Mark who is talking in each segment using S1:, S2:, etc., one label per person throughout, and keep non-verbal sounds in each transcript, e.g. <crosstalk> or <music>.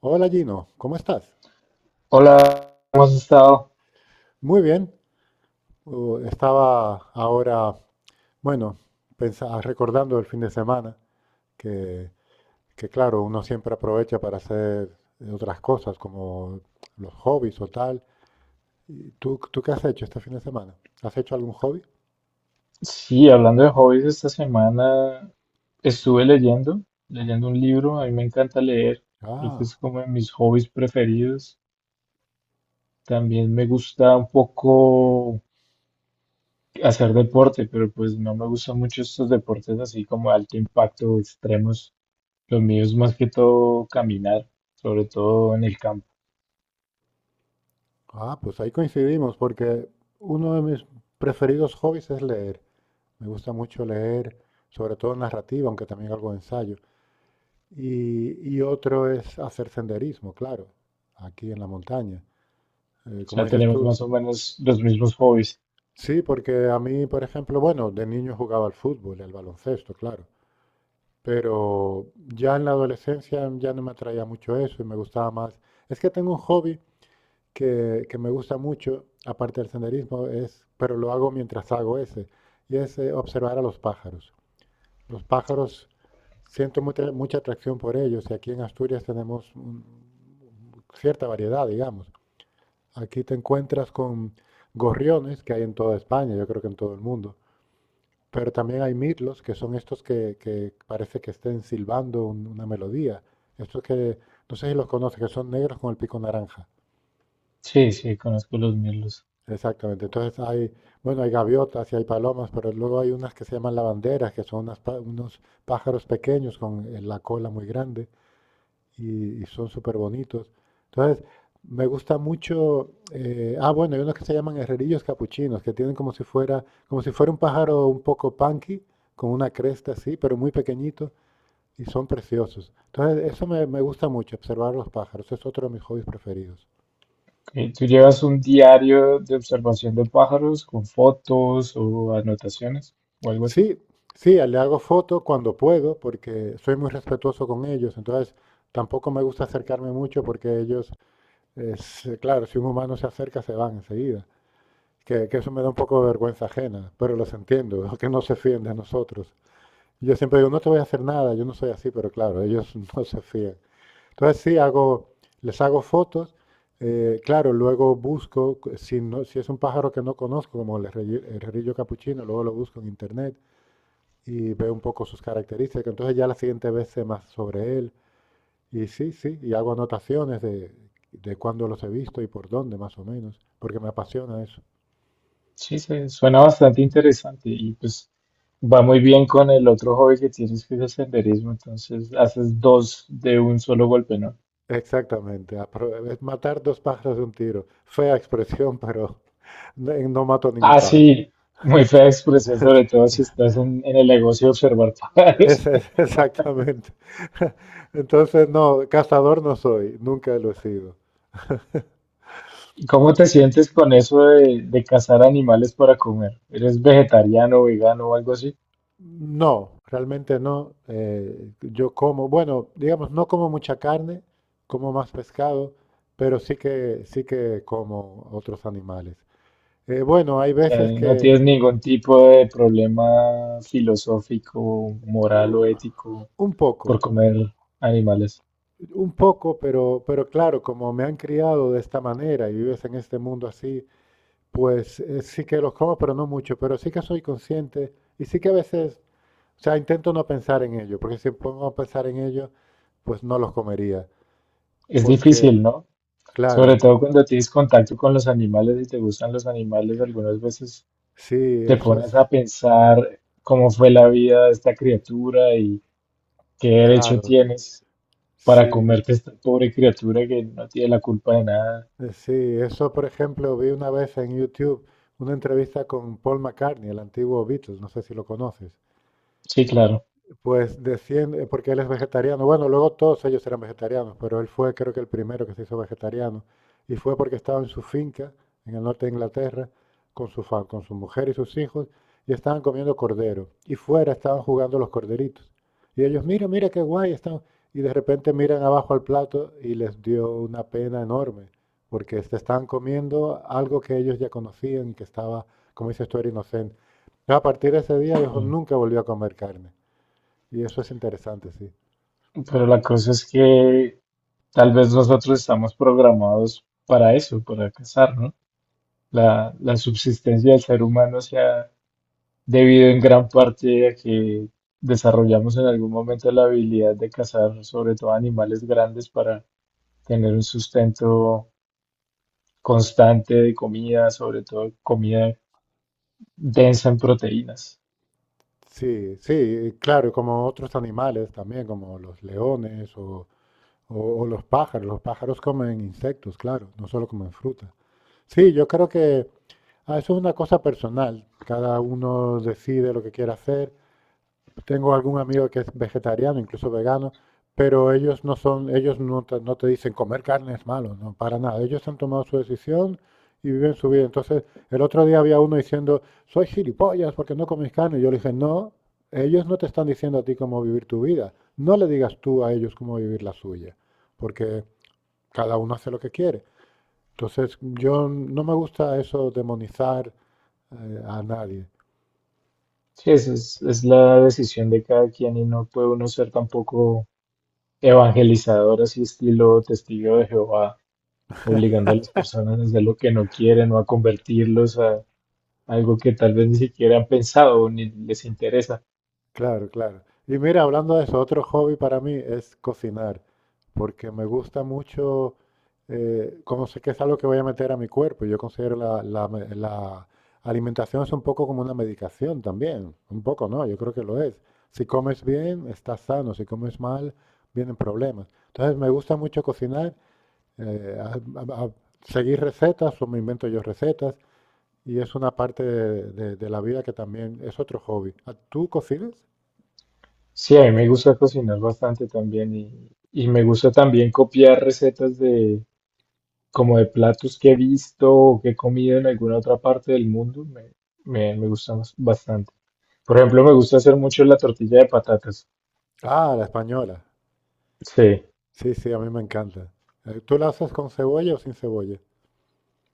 S1: Hola Gino, ¿cómo estás?
S2: Hola, ¿cómo has estado?
S1: Muy bien. Estaba ahora, bueno, recordando el fin de semana, que, que claro, uno siempre aprovecha para hacer otras cosas como los hobbies o tal. ¿Tú, tú qué has hecho este fin de semana? ¿Has hecho algún hobby?
S2: Sí, hablando de hobbies, esta semana estuve leyendo, un libro. A mí me encanta leer, creo que es
S1: Ah,
S2: como de mis hobbies preferidos. También me gusta un poco hacer deporte, pero pues no me gustan mucho estos deportes así como de alto impacto, extremos. Los míos más que todo caminar, sobre todo en el campo.
S1: pues ahí coincidimos, porque uno de mis preferidos hobbies es leer. Me gusta mucho leer, sobre todo narrativa, aunque también algo de ensayo. Y otro es hacer senderismo, claro, aquí en la montaña.
S2: O
S1: Como
S2: sea,
S1: dices
S2: tenemos
S1: tú,
S2: más o menos los mismos hobbies.
S1: sí, porque a mí, por ejemplo, bueno, de niño jugaba al fútbol y al baloncesto, claro, pero ya en la adolescencia ya no me atraía mucho eso y me gustaba más. Es que tengo un hobby que me gusta mucho, aparte del senderismo, es, pero lo hago mientras hago ese, y es observar a los pájaros. Los pájaros, siento mucha atracción por ellos y aquí en Asturias tenemos cierta variedad, digamos. Aquí te encuentras con gorriones que hay en toda España, yo creo que en todo el mundo, pero también hay mirlos, que son estos que parece que estén silbando una melodía. Estos que, no sé si los conoces, que son negros con el pico naranja.
S2: Sí, conozco los míos.
S1: Exactamente. Entonces hay, bueno, hay gaviotas y hay palomas, pero luego hay unas que se llaman lavanderas, que son unos pájaros pequeños con la cola muy grande. Y son súper bonitos. Entonces, me gusta mucho. Bueno, hay unos que se llaman herrerillos capuchinos, que tienen como si fuera un pájaro un poco punky, con una cresta así, pero muy pequeñito, y son preciosos. Entonces, eso me gusta mucho, observar los pájaros. Es otro de mis hobbies preferidos.
S2: Ok, ¿tú llevas un diario de observación de pájaros con fotos o anotaciones o algo así?
S1: Sí, sí, le hago foto cuando puedo, porque soy muy respetuoso con ellos. Entonces, tampoco me gusta acercarme mucho, porque ellos, es, claro, si un humano se acerca, se van enseguida. Que eso me da un poco de vergüenza ajena, pero los entiendo, <laughs> que no se fíen de nosotros. Yo siempre digo, no te voy a hacer nada, yo no soy así, pero claro, ellos <laughs> no se fían. Entonces sí, hago, les hago fotos, claro, luego busco, si, no, si es un pájaro que no conozco, como el, capuchino, luego lo busco en internet y veo un poco sus características, entonces ya la siguiente vez sé más sobre él. Y sí, sí, y hago anotaciones de cuándo los he visto y por dónde, más o menos, porque me apasiona eso.
S2: Sí, suena bastante interesante, y pues va muy bien con el otro hobby que tienes, que es el senderismo. Entonces haces dos de un solo golpe, ¿no?
S1: Exactamente, es matar dos pájaros de un tiro. Fea expresión, <laughs> pero no, no mato ningún
S2: Ah,
S1: pájaro.
S2: sí, muy fea expresión, sobre todo si estás en el negocio de observar pájaros.
S1: Ese es, <laughs> exactamente. <laughs> Entonces, no, cazador no soy, nunca lo he sido.
S2: <laughs> ¿Cómo te sientes con eso de, cazar animales para comer? ¿Eres vegetariano, vegano o algo así?
S1: No, realmente no. Yo como, bueno, digamos, no como mucha carne, como más pescado, pero sí que como otros animales. Bueno, hay
S2: Sea,
S1: veces
S2: no
S1: que,
S2: tienes ningún tipo de problema filosófico, moral o
S1: uh,
S2: ético
S1: un
S2: por
S1: poco.
S2: comer animales.
S1: Un poco, pero claro, como me han criado de esta manera y vives en este mundo así, pues sí que los como, pero no mucho, pero sí que soy consciente y sí que a veces, o sea, intento no pensar en ello, porque si pongo a pensar en ello, pues no los comería,
S2: Es
S1: porque
S2: difícil, ¿no? Sobre
S1: claro,
S2: todo cuando tienes contacto con los animales y te gustan los animales, algunas veces
S1: sí,
S2: te
S1: eso es,
S2: pones a pensar cómo fue la vida de esta criatura y qué derecho
S1: claro,
S2: tienes para
S1: sí,
S2: comerte esta pobre criatura, que no tiene la culpa de nada.
S1: sí, eso por ejemplo vi una vez en YouTube una entrevista con Paul McCartney, el antiguo Beatles, no sé si lo conoces.
S2: Sí, claro.
S1: Pues desciende, porque él es vegetariano. Bueno, luego todos ellos eran vegetarianos, pero él fue creo que el primero que se hizo vegetariano. Y fue porque estaba en su finca, en el norte de Inglaterra, con con su mujer y sus hijos, y estaban comiendo cordero. Y fuera estaban jugando los corderitos. Y ellos, mira, mira qué guay están. Y de repente miran abajo al plato y les dio una pena enorme, porque se estaban comiendo algo que ellos ya conocían y que estaba, como dices tú, era inocente. Entonces, a partir de ese día, dijo,
S2: Mm.
S1: nunca volvió a comer carne. Y eso es interesante, sí.
S2: Pero la cosa es que tal vez nosotros estamos programados para eso, para cazar, ¿no? La subsistencia del ser humano se ha debido en gran parte a que desarrollamos en algún momento la habilidad de cazar, sobre todo animales grandes, para tener un sustento constante de comida, sobre todo comida densa en proteínas.
S1: Sí, sí, claro, y como otros animales también, como los leones o los pájaros. Los pájaros comen insectos, claro, no solo comen fruta. Sí, yo creo que eso es una cosa personal. Cada uno decide lo que quiere hacer. Tengo algún amigo que es vegetariano, incluso vegano, pero ellos no son, ellos no te, no te dicen comer carne es malo, no, para nada. Ellos han tomado su decisión y viven su vida. Entonces, el otro día había uno diciendo, soy gilipollas porque no comes carne. Yo le dije, no, ellos no te están diciendo a ti cómo vivir tu vida. No le digas tú a ellos cómo vivir la suya, porque cada uno hace lo que quiere. Entonces, yo no me gusta eso demonizar a nadie.
S2: Sí, esa es la decisión de cada quien, y no puede uno ser tampoco evangelizador, así estilo testigo de Jehová, obligando a las personas a hacer lo que no quieren, o a convertirlos a algo que tal vez ni siquiera han pensado o ni les interesa.
S1: Claro, claro. Y mira, hablando de eso, otro hobby para mí es cocinar, porque me gusta mucho, como sé que es algo que voy a meter a mi cuerpo, yo considero la alimentación es un poco como una medicación también, un poco, ¿no? Yo creo que lo es. Si comes bien, estás sano, si comes mal, vienen problemas. Entonces, me gusta mucho cocinar, eh, a- a seguir recetas o me invento yo recetas, y es una parte de la vida que también es otro hobby. ¿Tú cocinas?
S2: Sí, a mí me gusta cocinar bastante también, y me gusta también copiar recetas de como de platos que he visto o que he comido en alguna otra parte del mundo. Me gusta bastante. Por ejemplo, me gusta hacer mucho la tortilla de patatas.
S1: Ah, la española.
S2: Sí,
S1: Sí, sí, a mí me encanta. ¿Tú la haces con cebolla o sin cebolla?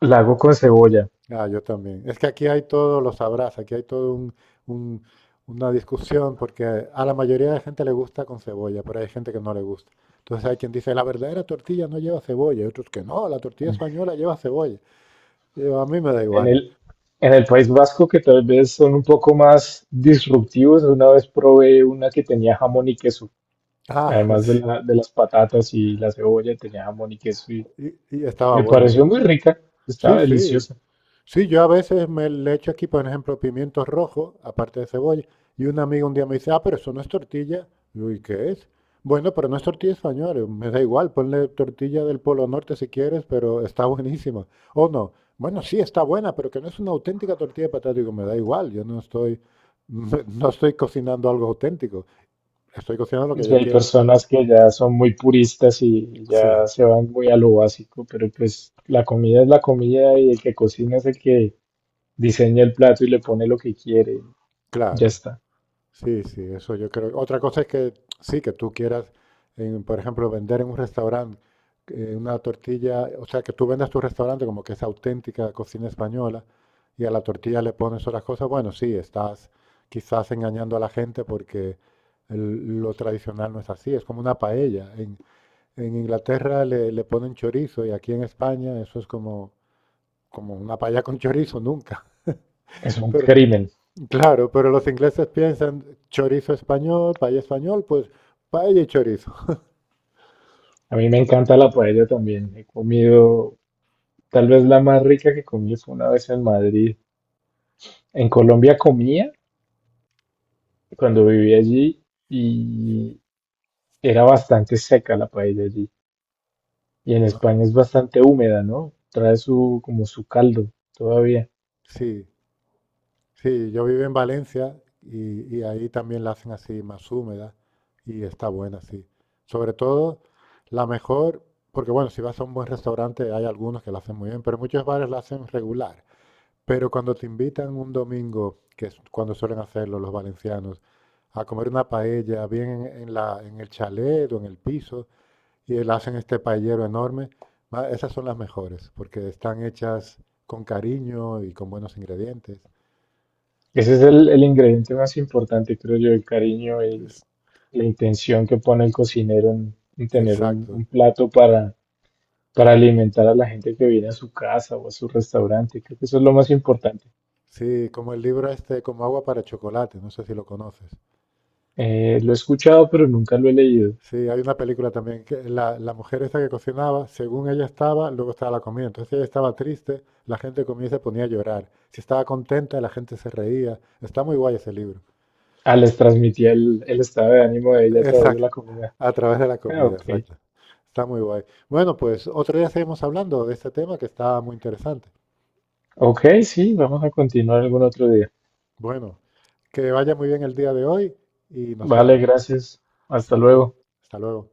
S2: la hago con cebolla.
S1: Ah, yo también. Es que aquí hay todo, lo sabrás, aquí hay todo un- una discusión porque a la mayoría de gente le gusta con cebolla, pero hay gente que no le gusta. Entonces hay quien dice, la verdadera tortilla no lleva cebolla, y otros que no, la tortilla española lleva cebolla. Y yo, a mí me da
S2: En
S1: igual.
S2: el, en el País Vasco, que tal vez son un poco más disruptivos, una vez probé una que tenía jamón y queso,
S1: Ah, <laughs>
S2: además
S1: sí.
S2: de las patatas y la cebolla. Tenía jamón y queso y
S1: Y estaba
S2: me
S1: buena que...
S2: pareció muy rica,
S1: Sí,
S2: estaba
S1: sí.
S2: deliciosa.
S1: Sí, yo a veces me le echo aquí, por ejemplo, pimientos rojos, aparte de cebolla, y una amiga un día me dice, ah, pero eso no es tortilla. Digo, ¿y qué es? Bueno, pero no es tortilla española. Digo, me da igual, ponle tortilla del Polo Norte si quieres, pero está <laughs> buenísima. O no, bueno, sí está buena, pero que no es una auténtica tortilla de patata. Digo, me da igual, yo no estoy, <laughs> no estoy cocinando algo auténtico, estoy cocinando lo que
S2: O
S1: yo
S2: hay
S1: quiero.
S2: personas que ya son muy puristas y
S1: Sí,
S2: ya se van muy a lo básico, pero pues la comida es la comida, y el que cocina es el que diseña el plato y le pone lo que quiere, ya
S1: claro.
S2: está.
S1: Sí, sí, eso yo creo. Otra cosa es que sí, que tú quieras, en, por ejemplo, vender en un restaurante una tortilla, o sea, que tú vendas tu restaurante como que es auténtica cocina española y a la tortilla le pones otras cosas, bueno, sí, estás quizás engañando a la gente porque lo tradicional no es así, es como una paella. En Inglaterra le ponen chorizo y aquí en España eso es como, como una paella con chorizo, nunca.
S2: Es
S1: <laughs>
S2: un
S1: Pero,
S2: crimen.
S1: claro, pero los ingleses piensan chorizo español, paella español, pues paella y chorizo.
S2: A mí me encanta la paella también. He comido... Tal vez la más rica que comí fue una vez en Madrid. En Colombia comía cuando vivía allí, y era bastante seca la paella allí. Y en España es bastante húmeda, ¿no? Trae su, como su caldo todavía.
S1: Sí, sí, yo vivo en Valencia y ahí también la hacen así más húmeda y está buena, sí. Sobre todo la mejor, porque bueno, si vas a un buen restaurante hay algunos que la hacen muy bien, pero muchos bares la hacen regular. Pero cuando te invitan un domingo, que es cuando suelen hacerlo los valencianos, a comer una paella bien en, en el chalet o en el piso, y le hacen este paellero enorme. Va, esas son las mejores, porque están hechas con cariño y con buenos ingredientes.
S2: Ese es el ingrediente más importante, creo yo, el cariño y
S1: Es-
S2: la intención que pone el cocinero en, tener un
S1: Exacto.
S2: plato para, alimentar a la gente que viene a su casa o a su restaurante. Creo que eso es lo más importante.
S1: Sí, como el libro este, como agua para chocolate, no sé si lo conoces.
S2: Lo he escuchado, pero nunca lo he leído.
S1: Sí, hay una película también que la mujer esta que cocinaba, según ella estaba, luego estaba la comida. Entonces, si ella estaba triste, la gente comía y se ponía a llorar. Si estaba contenta, la gente se reía. Está muy guay ese libro.
S2: Ah, les transmitía el estado de ánimo de ella a través de
S1: Exacto,
S2: la comida.
S1: a través de la
S2: Ah,
S1: comida,
S2: ok.
S1: exacto. Está muy guay. Bueno, pues otro día seguimos hablando de este tema que está muy interesante.
S2: Ok, sí, vamos a continuar algún otro día.
S1: Bueno, que vaya muy bien el día de hoy y nos
S2: Vale,
S1: vemos.
S2: gracias. Hasta
S1: Hasta luego,
S2: luego.
S1: hasta luego.